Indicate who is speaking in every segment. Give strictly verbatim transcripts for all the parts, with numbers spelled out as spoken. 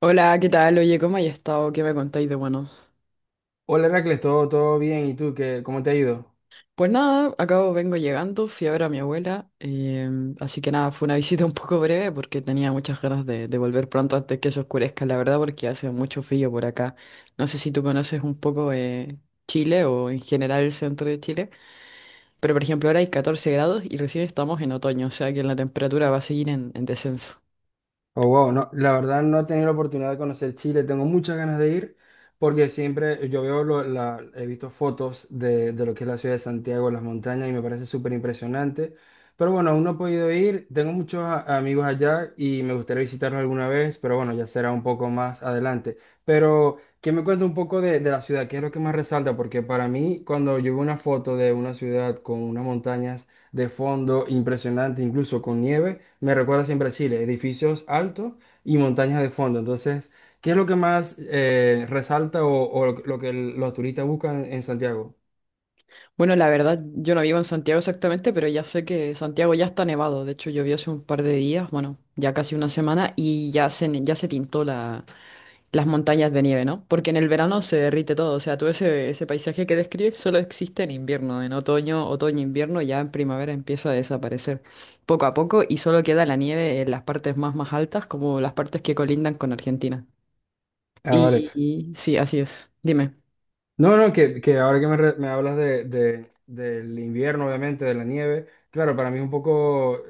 Speaker 1: Hola, ¿qué tal? Oye, ¿cómo hay estado? ¿Qué me contáis de bueno?
Speaker 2: Hola Heracles, todo, todo bien. ¿Y tú qué, cómo te ha ido?
Speaker 1: Pues nada, acabo, vengo llegando, fui a ver a mi abuela, em, así que nada, fue una visita un poco breve porque tenía muchas ganas de, de volver pronto antes que se oscurezca, la verdad, porque hace mucho frío por acá. No sé si tú conoces un poco eh, Chile o en general el centro de Chile, pero por ejemplo ahora hay catorce grados y recién estamos en otoño, o sea que la temperatura va a seguir en en descenso.
Speaker 2: Oh, wow, no, la verdad no he tenido la oportunidad de conocer Chile, tengo muchas ganas de ir porque siempre yo veo, lo- la- he visto fotos de, de lo que es la ciudad de Santiago, las montañas y me parece súper impresionante. Pero bueno, aún no he podido ir, tengo muchos a- amigos allá y me gustaría visitarlos alguna vez, pero bueno, ya será un poco más adelante. Pero que me cuente un poco de, de la ciudad, ¿qué es lo que más resalta? Porque para mí, cuando yo veo una foto de una ciudad con unas montañas de fondo impresionante, incluso con nieve, me recuerda siempre a Chile, edificios altos y montañas de fondo. Entonces, ¿qué es lo que más eh, resalta o, o lo, lo que el- los turistas buscan en Santiago?
Speaker 1: Bueno, la verdad, yo no vivo en Santiago exactamente, pero ya sé que Santiago ya está nevado. De hecho, llovió hace un par de días, bueno, ya casi una semana, y ya se, ne- ya se tintó la, las montañas de nieve, ¿no? Porque en el verano se derrite todo. O sea, todo ese, ese paisaje que describes solo existe en invierno. En otoño, otoño, invierno, ya en primavera empieza a desaparecer poco a poco y solo queda la nieve en las partes más, más altas, como las partes que colindan con Argentina.
Speaker 2: Ah, vale.
Speaker 1: Y, y sí, así es. Dime.
Speaker 2: No, no, que, que ahora que me, re- me hablas de, de- del invierno, obviamente, de la nieve, claro, para mí es un poco,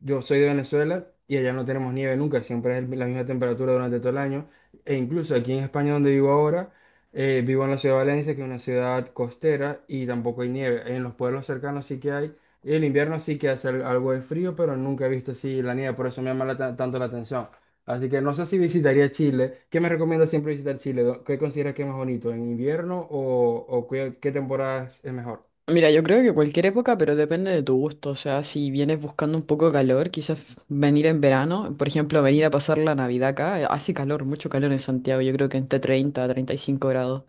Speaker 2: yo soy de Venezuela y allá no tenemos nieve nunca, siempre es el- la misma temperatura durante todo el año, e incluso aquí en España donde vivo ahora, eh, vivo en la ciudad de Valencia, que es una ciudad costera y tampoco hay nieve, en los pueblos cercanos sí que hay, y el invierno sí que hace al- algo de frío, pero nunca he visto así la nieve, por eso me llama la ta- tanto la atención. Así que no sé si visitaría Chile. ¿Qué me recomiendas siempre visitar Chile? ¿Dó- ¿Qué consideras que es más bonito? ¿En invierno o, o qué, qué, temporada es es mejor?
Speaker 1: Mira, yo creo que cualquier época, pero depende de tu gusto. O sea, si vienes buscando un poco de calor, quizás venir en verano, por ejemplo, venir a pasar la Navidad acá, eh, hace calor, mucho calor en Santiago, yo creo que entre treinta a treinta y cinco grados.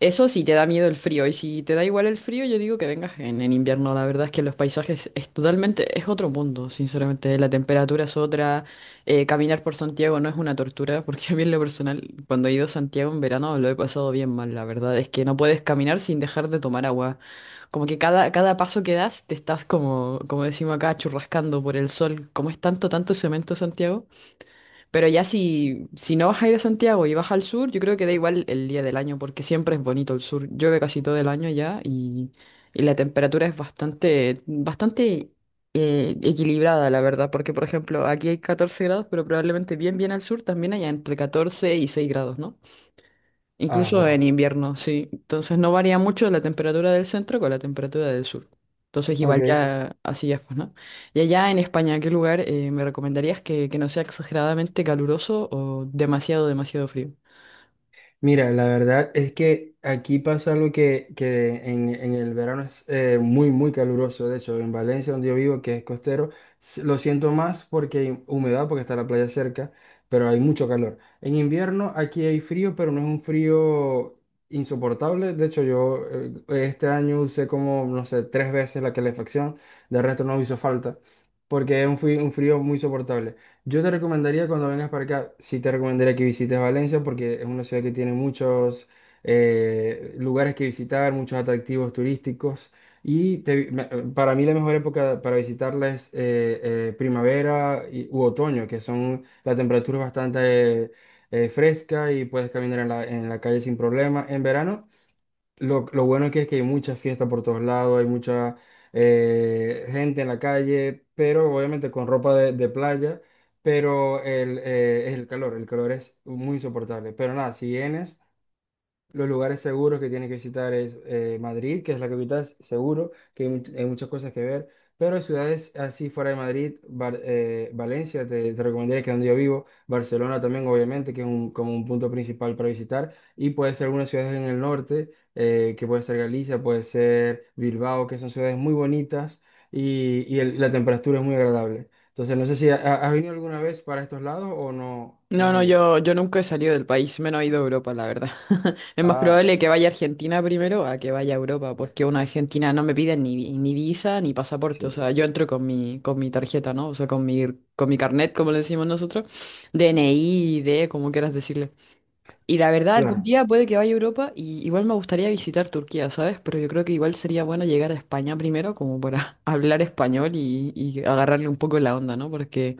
Speaker 1: Eso sí te da miedo el frío, y si te da igual el frío, yo digo que vengas en, en invierno. La verdad es que los paisajes es totalmente, es otro mundo, sinceramente. La temperatura es otra, eh, caminar por Santiago no es una tortura, porque a mí en lo personal, cuando he ido a Santiago en verano lo he pasado bien mal. La verdad es que no puedes caminar sin dejar de tomar agua. Como que cada, cada paso que das te estás como, como decimos acá, churrascando por el sol. Como es tanto, tanto cemento Santiago. Pero ya si, si no vas a ir a Santiago y vas al sur, yo creo que da igual el día del año, porque siempre es bonito el sur. Llueve casi todo el año ya y, y la temperatura es bastante, bastante eh, equilibrada, la verdad, porque por ejemplo aquí hay catorce grados, pero probablemente bien, bien al sur también haya entre catorce y seis grados, ¿no?
Speaker 2: Ah,
Speaker 1: Incluso en
Speaker 2: wow.
Speaker 1: invierno, sí. Entonces no varía mucho la temperatura del centro con la temperatura del sur. Entonces igual
Speaker 2: Ok.
Speaker 1: ya así ya pues, ¿no? Y allá en España, ¿qué lugar eh, me recomendarías que, que no sea exageradamente caluroso o demasiado, demasiado frío?
Speaker 2: Mira, la verdad es que aquí pasa algo que, que en, en el verano es eh, muy, muy caluroso. De hecho, en Valencia, donde yo vivo, que es costero, s- lo siento más porque hay humedad, porque está la playa cerca, pero hay mucho calor. En invierno aquí hay frío, pero no es un frío insoportable. De hecho, yo eh, este año usé como, no sé, tres veces la calefacción. De resto no hizo falta, porque es un frío, un frío muy soportable. Yo te recomendaría cuando vengas para acá, sí te recomendaría que visites Valencia porque es una ciudad que tiene muchos eh, lugares que visitar, muchos atractivos turísticos y te- me- para mí la mejor época para visitarla es eh, eh, primavera y- u otoño, que son la temperatura es bastante eh, eh, fresca y puedes caminar en la, en la calle sin problema. En verano lo, lo bueno aquí es que hay mucha fiesta por todos lados, hay mucha eh, gente en la calle, pero obviamente con ropa de, de playa, pero el, eh, es el calor, el calor es muy insoportable. Pero nada, si vienes... Los lugares seguros que tiene que visitar es eh, Madrid, que es la capital, s- seguro, que hay, much- hay muchas cosas que ver, pero ciudades así fuera de Madrid, Bar- eh, Valencia, te, te recomendaría que es donde yo vivo, Barcelona también, obviamente, que es un, como un punto principal para visitar, y puede ser algunas ciudades en el norte, eh, que puede ser Galicia, puede ser Bilbao, que son ciudades muy bonitas y, y el- la temperatura es muy agradable. Entonces, no sé si ha- ha- has venido alguna vez para estos lados o no, no
Speaker 1: No,
Speaker 2: has
Speaker 1: no,
Speaker 2: venido.
Speaker 1: yo, yo nunca he salido del país, menos he ido a Europa, la verdad. Es más
Speaker 2: Ah,
Speaker 1: probable que vaya a Argentina primero a que vaya a Europa, porque una Argentina no me piden ni, vi- ni visa ni pasaporte. O
Speaker 2: sí,
Speaker 1: sea, yo entro con mi, con mi tarjeta, ¿no? O sea, con mi, con mi carnet, como le decimos nosotros, DNI, I D, como quieras decirle. Y la verdad, algún
Speaker 2: claro,
Speaker 1: día puede que vaya a Europa y igual me gustaría visitar Turquía, ¿sabes? Pero yo creo que igual sería bueno llegar a España primero, como para hablar español y, y agarrarle un poco la onda, ¿no? Porque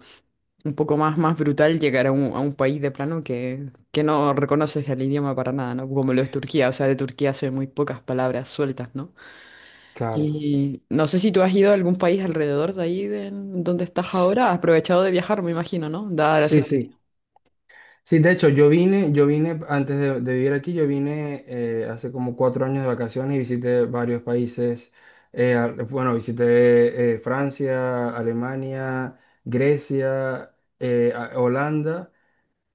Speaker 1: un poco más, más brutal llegar a un, a un país de plano que, que no reconoces el idioma para nada, ¿no? Como lo es Turquía, o sea, de Turquía sé muy pocas palabras sueltas, ¿no?
Speaker 2: claro.
Speaker 1: Y no sé si tú has ido a algún país alrededor de ahí, de en donde estás ahora, has aprovechado de viajar, me imagino, ¿no? Dada la
Speaker 2: Sí,
Speaker 1: cercanía.
Speaker 2: sí. Sí, de hecho, yo vine, yo vine antes de, de vivir aquí, yo vine eh, hace como cuatro años de vacaciones y visité varios países. Eh, al- bueno, visité eh, Francia, Alemania, Grecia, eh, a- Holanda.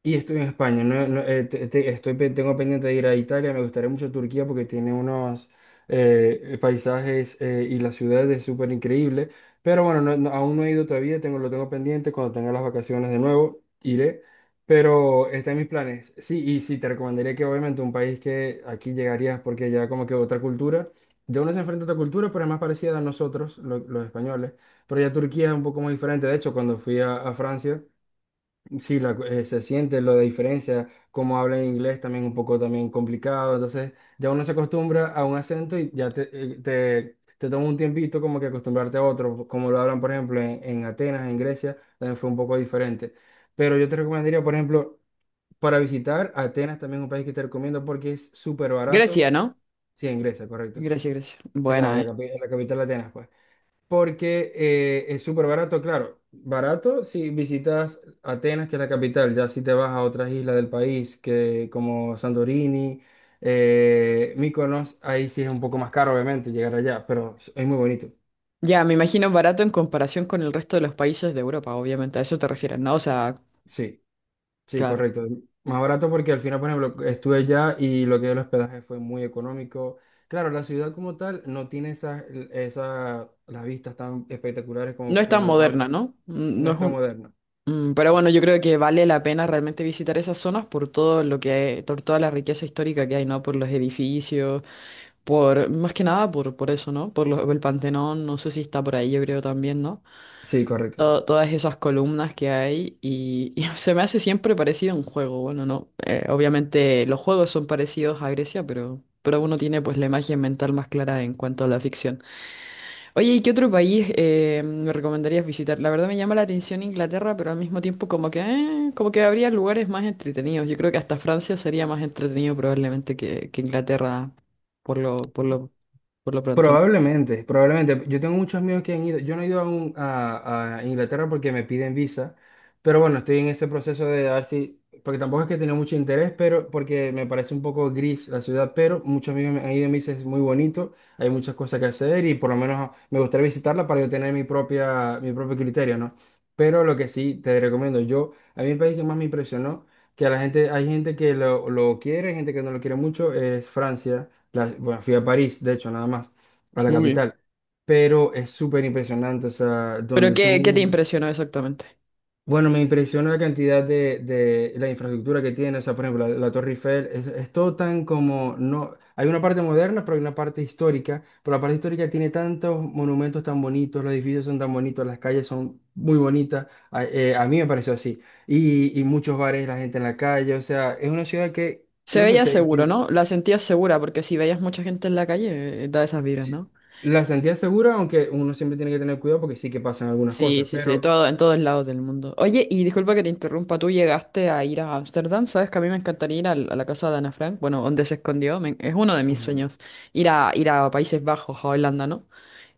Speaker 2: Y estoy en España, no- no, eh, te- te- estoy, pe- tengo pendiente de ir a Italia, me gustaría mucho Turquía porque tiene unos eh, paisajes eh, y la ciudad es súper increíble, pero bueno, no- no- aún no he ido todavía, tengo, lo tengo pendiente, cuando tenga las vacaciones de nuevo iré, pero está en mis planes. Sí, y sí, te recomendaría que obviamente un país que aquí llegarías porque ya como que otra cultura, ya uno se enfrenta a otra cultura, pero es más parecida a nosotros, lo- los españoles, pero ya Turquía es un poco más diferente, de hecho cuando fui a a Francia. Sí, la cu- eh, se siente lo de diferencia, como habla inglés también un poco también complicado, entonces ya uno se acostumbra a un acento y ya te, eh, te, te toma un tiempito como que acostumbrarte a otro, como lo hablan por ejemplo en, en, Atenas, en Grecia, también fue un poco diferente. Pero yo te recomendaría, por ejemplo, para visitar Atenas también es un país que te recomiendo porque es súper barato,
Speaker 1: Grecia, ¿no?
Speaker 2: sí, en Grecia, correcto,
Speaker 1: Grecia, Grecia.
Speaker 2: es la,
Speaker 1: Buena,
Speaker 2: la,
Speaker 1: ¿eh?
Speaker 2: capi- la capital de Atenas, pues porque eh, es súper barato, claro. Barato si visitas Atenas, que es la capital, ya si te vas a otras islas del país, que como Santorini, eh, Mykonos, ahí sí es un poco más caro, obviamente, llegar allá, pero es muy bonito.
Speaker 1: Ya, me imagino barato en comparación con el resto de los países de Europa, obviamente, a eso te refieres, ¿no? O sea,
Speaker 2: Sí, sí,
Speaker 1: claro.
Speaker 2: correcto. Más barato porque al final, por ejemplo, estuve allá y lo que es el hospedaje fue muy económico. Claro, la ciudad como tal no tiene esas, esas las vistas tan espectaculares
Speaker 1: No
Speaker 2: como
Speaker 1: es tan
Speaker 2: cuando vas a...
Speaker 1: moderna, ¿no?
Speaker 2: No
Speaker 1: No es
Speaker 2: es tan
Speaker 1: un...
Speaker 2: moderna.
Speaker 1: Mm, pero bueno, yo creo que vale la pena realmente visitar esas zonas por todo lo que por toda la riqueza histórica que hay, ¿no? Por los edificios, por, más que nada por, por eso, ¿no? Por lo- el Pantenón, no sé si está por ahí, yo creo también, ¿no?
Speaker 2: Sí, correcto.
Speaker 1: To- todas esas columnas que hay y, y se me hace siempre parecido a un juego, bueno, ¿no? Eh, obviamente los juegos son parecidos a Grecia, pero, pero uno tiene pues la imagen mental más clara en cuanto a la ficción. Oye, ¿y qué otro país eh, me recomendarías visitar? La verdad me llama la atención Inglaterra, pero al mismo tiempo como que, eh, como que habría lugares más entretenidos. Yo creo que hasta Francia sería más entretenido probablemente que, que Inglaterra por lo, por lo, por lo pronto.
Speaker 2: Probablemente, probablemente. Yo tengo muchos amigos que han ido. Yo no he ido aún a, a Inglaterra porque me piden visa, pero bueno, estoy en este proceso de a ver si, porque tampoco es que tenga mucho interés, pero porque me parece un poco gris la ciudad, pero muchos amigos me han ido y me dicen es muy bonito, hay muchas cosas que hacer y por lo menos me gustaría visitarla para yo tener mi propia, mi propio criterio, ¿no? Pero lo que sí te recomiendo, yo, a mí el país que más me impresionó, que a la gente, hay gente que lo, lo quiere, hay gente que no lo quiere mucho, es Francia. La- bueno, fui a París, de hecho, nada más a la
Speaker 1: Muy bien.
Speaker 2: capital. Pero es súper impresionante, o sea,
Speaker 1: Pero
Speaker 2: donde tú...
Speaker 1: ¿qué, qué te
Speaker 2: miras-
Speaker 1: impresionó exactamente?
Speaker 2: Bueno, me impresiona la cantidad de, de la infraestructura que tiene, o sea, por ejemplo, la, la Torre Eiffel, es, es todo tan como, no, hay una parte moderna, pero hay una parte histórica, pero la parte histórica tiene tantos monumentos tan bonitos, los edificios son tan bonitos, las calles son muy bonitas, a, eh, a mí me pareció así, y, y muchos bares, la gente en la calle, o sea, es una ciudad que,
Speaker 1: Se
Speaker 2: no sé,
Speaker 1: veía
Speaker 2: te,
Speaker 1: seguro,
Speaker 2: te-
Speaker 1: ¿no? La sentías segura, porque si veías mucha gente en la calle, eh, da esas vibras,
Speaker 2: sí,
Speaker 1: ¿no?
Speaker 2: la sentía segura, aunque uno siempre tiene que tener cuidado porque sí que pasan algunas
Speaker 1: Sí,
Speaker 2: cosas,
Speaker 1: sí, sí, en
Speaker 2: pero...
Speaker 1: todo, en todos lados del mundo. Oye, y disculpa que te interrumpa, tú llegaste a ir a Ámsterdam, ¿sabes que a mí me encantaría ir al- a la casa de Ana Frank? Bueno, donde se escondió, me- es uno de mis
Speaker 2: Ujú.
Speaker 1: sueños, ir a, ir a Países Bajos, a Holanda, ¿no?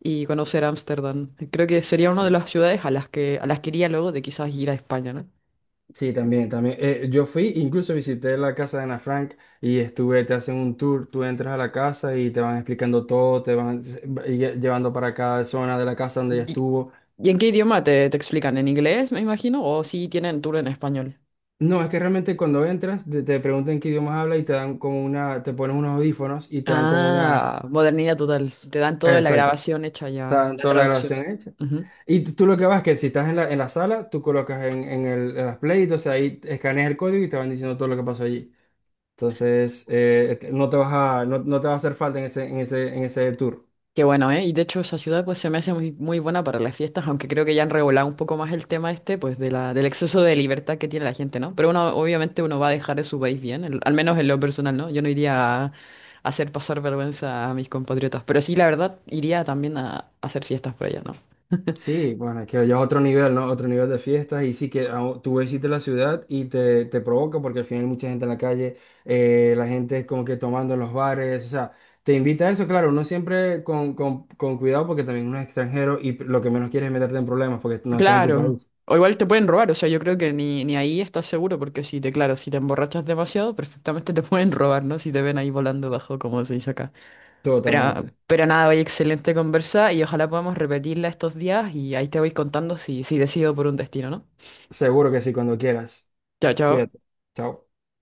Speaker 1: Y conocer Ámsterdam. Creo que sería una de
Speaker 2: Sí,
Speaker 1: las ciudades a las que, a las que iría luego de quizás ir a España, ¿no?
Speaker 2: sí, también, también. Eh, yo fui, incluso visité la casa de Ana Frank y estuve, te hacen un tour, tú entras a la casa y te van explicando todo, te van s- lle- llevando para cada zona de la casa donde ella
Speaker 1: ¿Y,
Speaker 2: estuvo.
Speaker 1: y en qué idioma te, te explican? ¿En inglés, me imagino? ¿O si tienen tour en español?
Speaker 2: No, es que realmente cuando entras te, te preguntan qué idiomas habla y te dan como una, te ponen unos audífonos y te dan como una...
Speaker 1: Ah, modernidad total, te dan toda la
Speaker 2: Exacto,
Speaker 1: grabación hecha ya,
Speaker 2: está
Speaker 1: la
Speaker 2: toda la
Speaker 1: traducción.
Speaker 2: grabación hecha. Y tú tú lo que vas es que si estás en la, en la, sala, tú colocas en, en el, en las play, entonces ahí escaneas el código y te van diciendo todo lo que pasó allí. Entonces, eh, este, no te vas a, no, no te va a hacer falta en ese, en ese, en ese tour.
Speaker 1: Qué bueno, ¿eh? Y de hecho esa ciudad pues se me hace muy, muy buena para las fiestas, aunque creo que ya han regulado un poco más el tema este, pues de la, del exceso de libertad que tiene la gente, ¿no? Pero uno, obviamente uno va a dejar de su país bien, el- al menos en lo personal, ¿no? Yo no iría a hacer pasar vergüenza a mis compatriotas, pero sí, la verdad, iría también a, a hacer fiestas por allá, ¿no?
Speaker 2: Sí, bueno, es que ya es otro nivel, ¿no? Otro nivel de fiestas y sí que ah, tú visitas la ciudad y te, te provoca porque al final hay mucha gente en la calle, eh, la gente es como que tomando en los bares, o sea, te invita a eso, claro, no siempre con, con, con cuidado porque también uno es extranjero y lo que menos quieres es meterte en problemas porque no estás en tu
Speaker 1: Claro.
Speaker 2: país.
Speaker 1: O igual te pueden robar, o sea, yo creo que ni, ni ahí estás seguro, porque si te, claro, si te emborrachas demasiado, perfectamente te pueden robar, ¿no? Si te ven ahí volando bajo, como se dice acá. Pero,
Speaker 2: Totalmente.
Speaker 1: pero nada, oye, excelente conversa y ojalá podamos repetirla estos días y ahí te voy contando si, si decido por un destino, ¿no?
Speaker 2: Seguro que sí, cuando quieras.
Speaker 1: Chao, chao.
Speaker 2: Cuídate. Chao.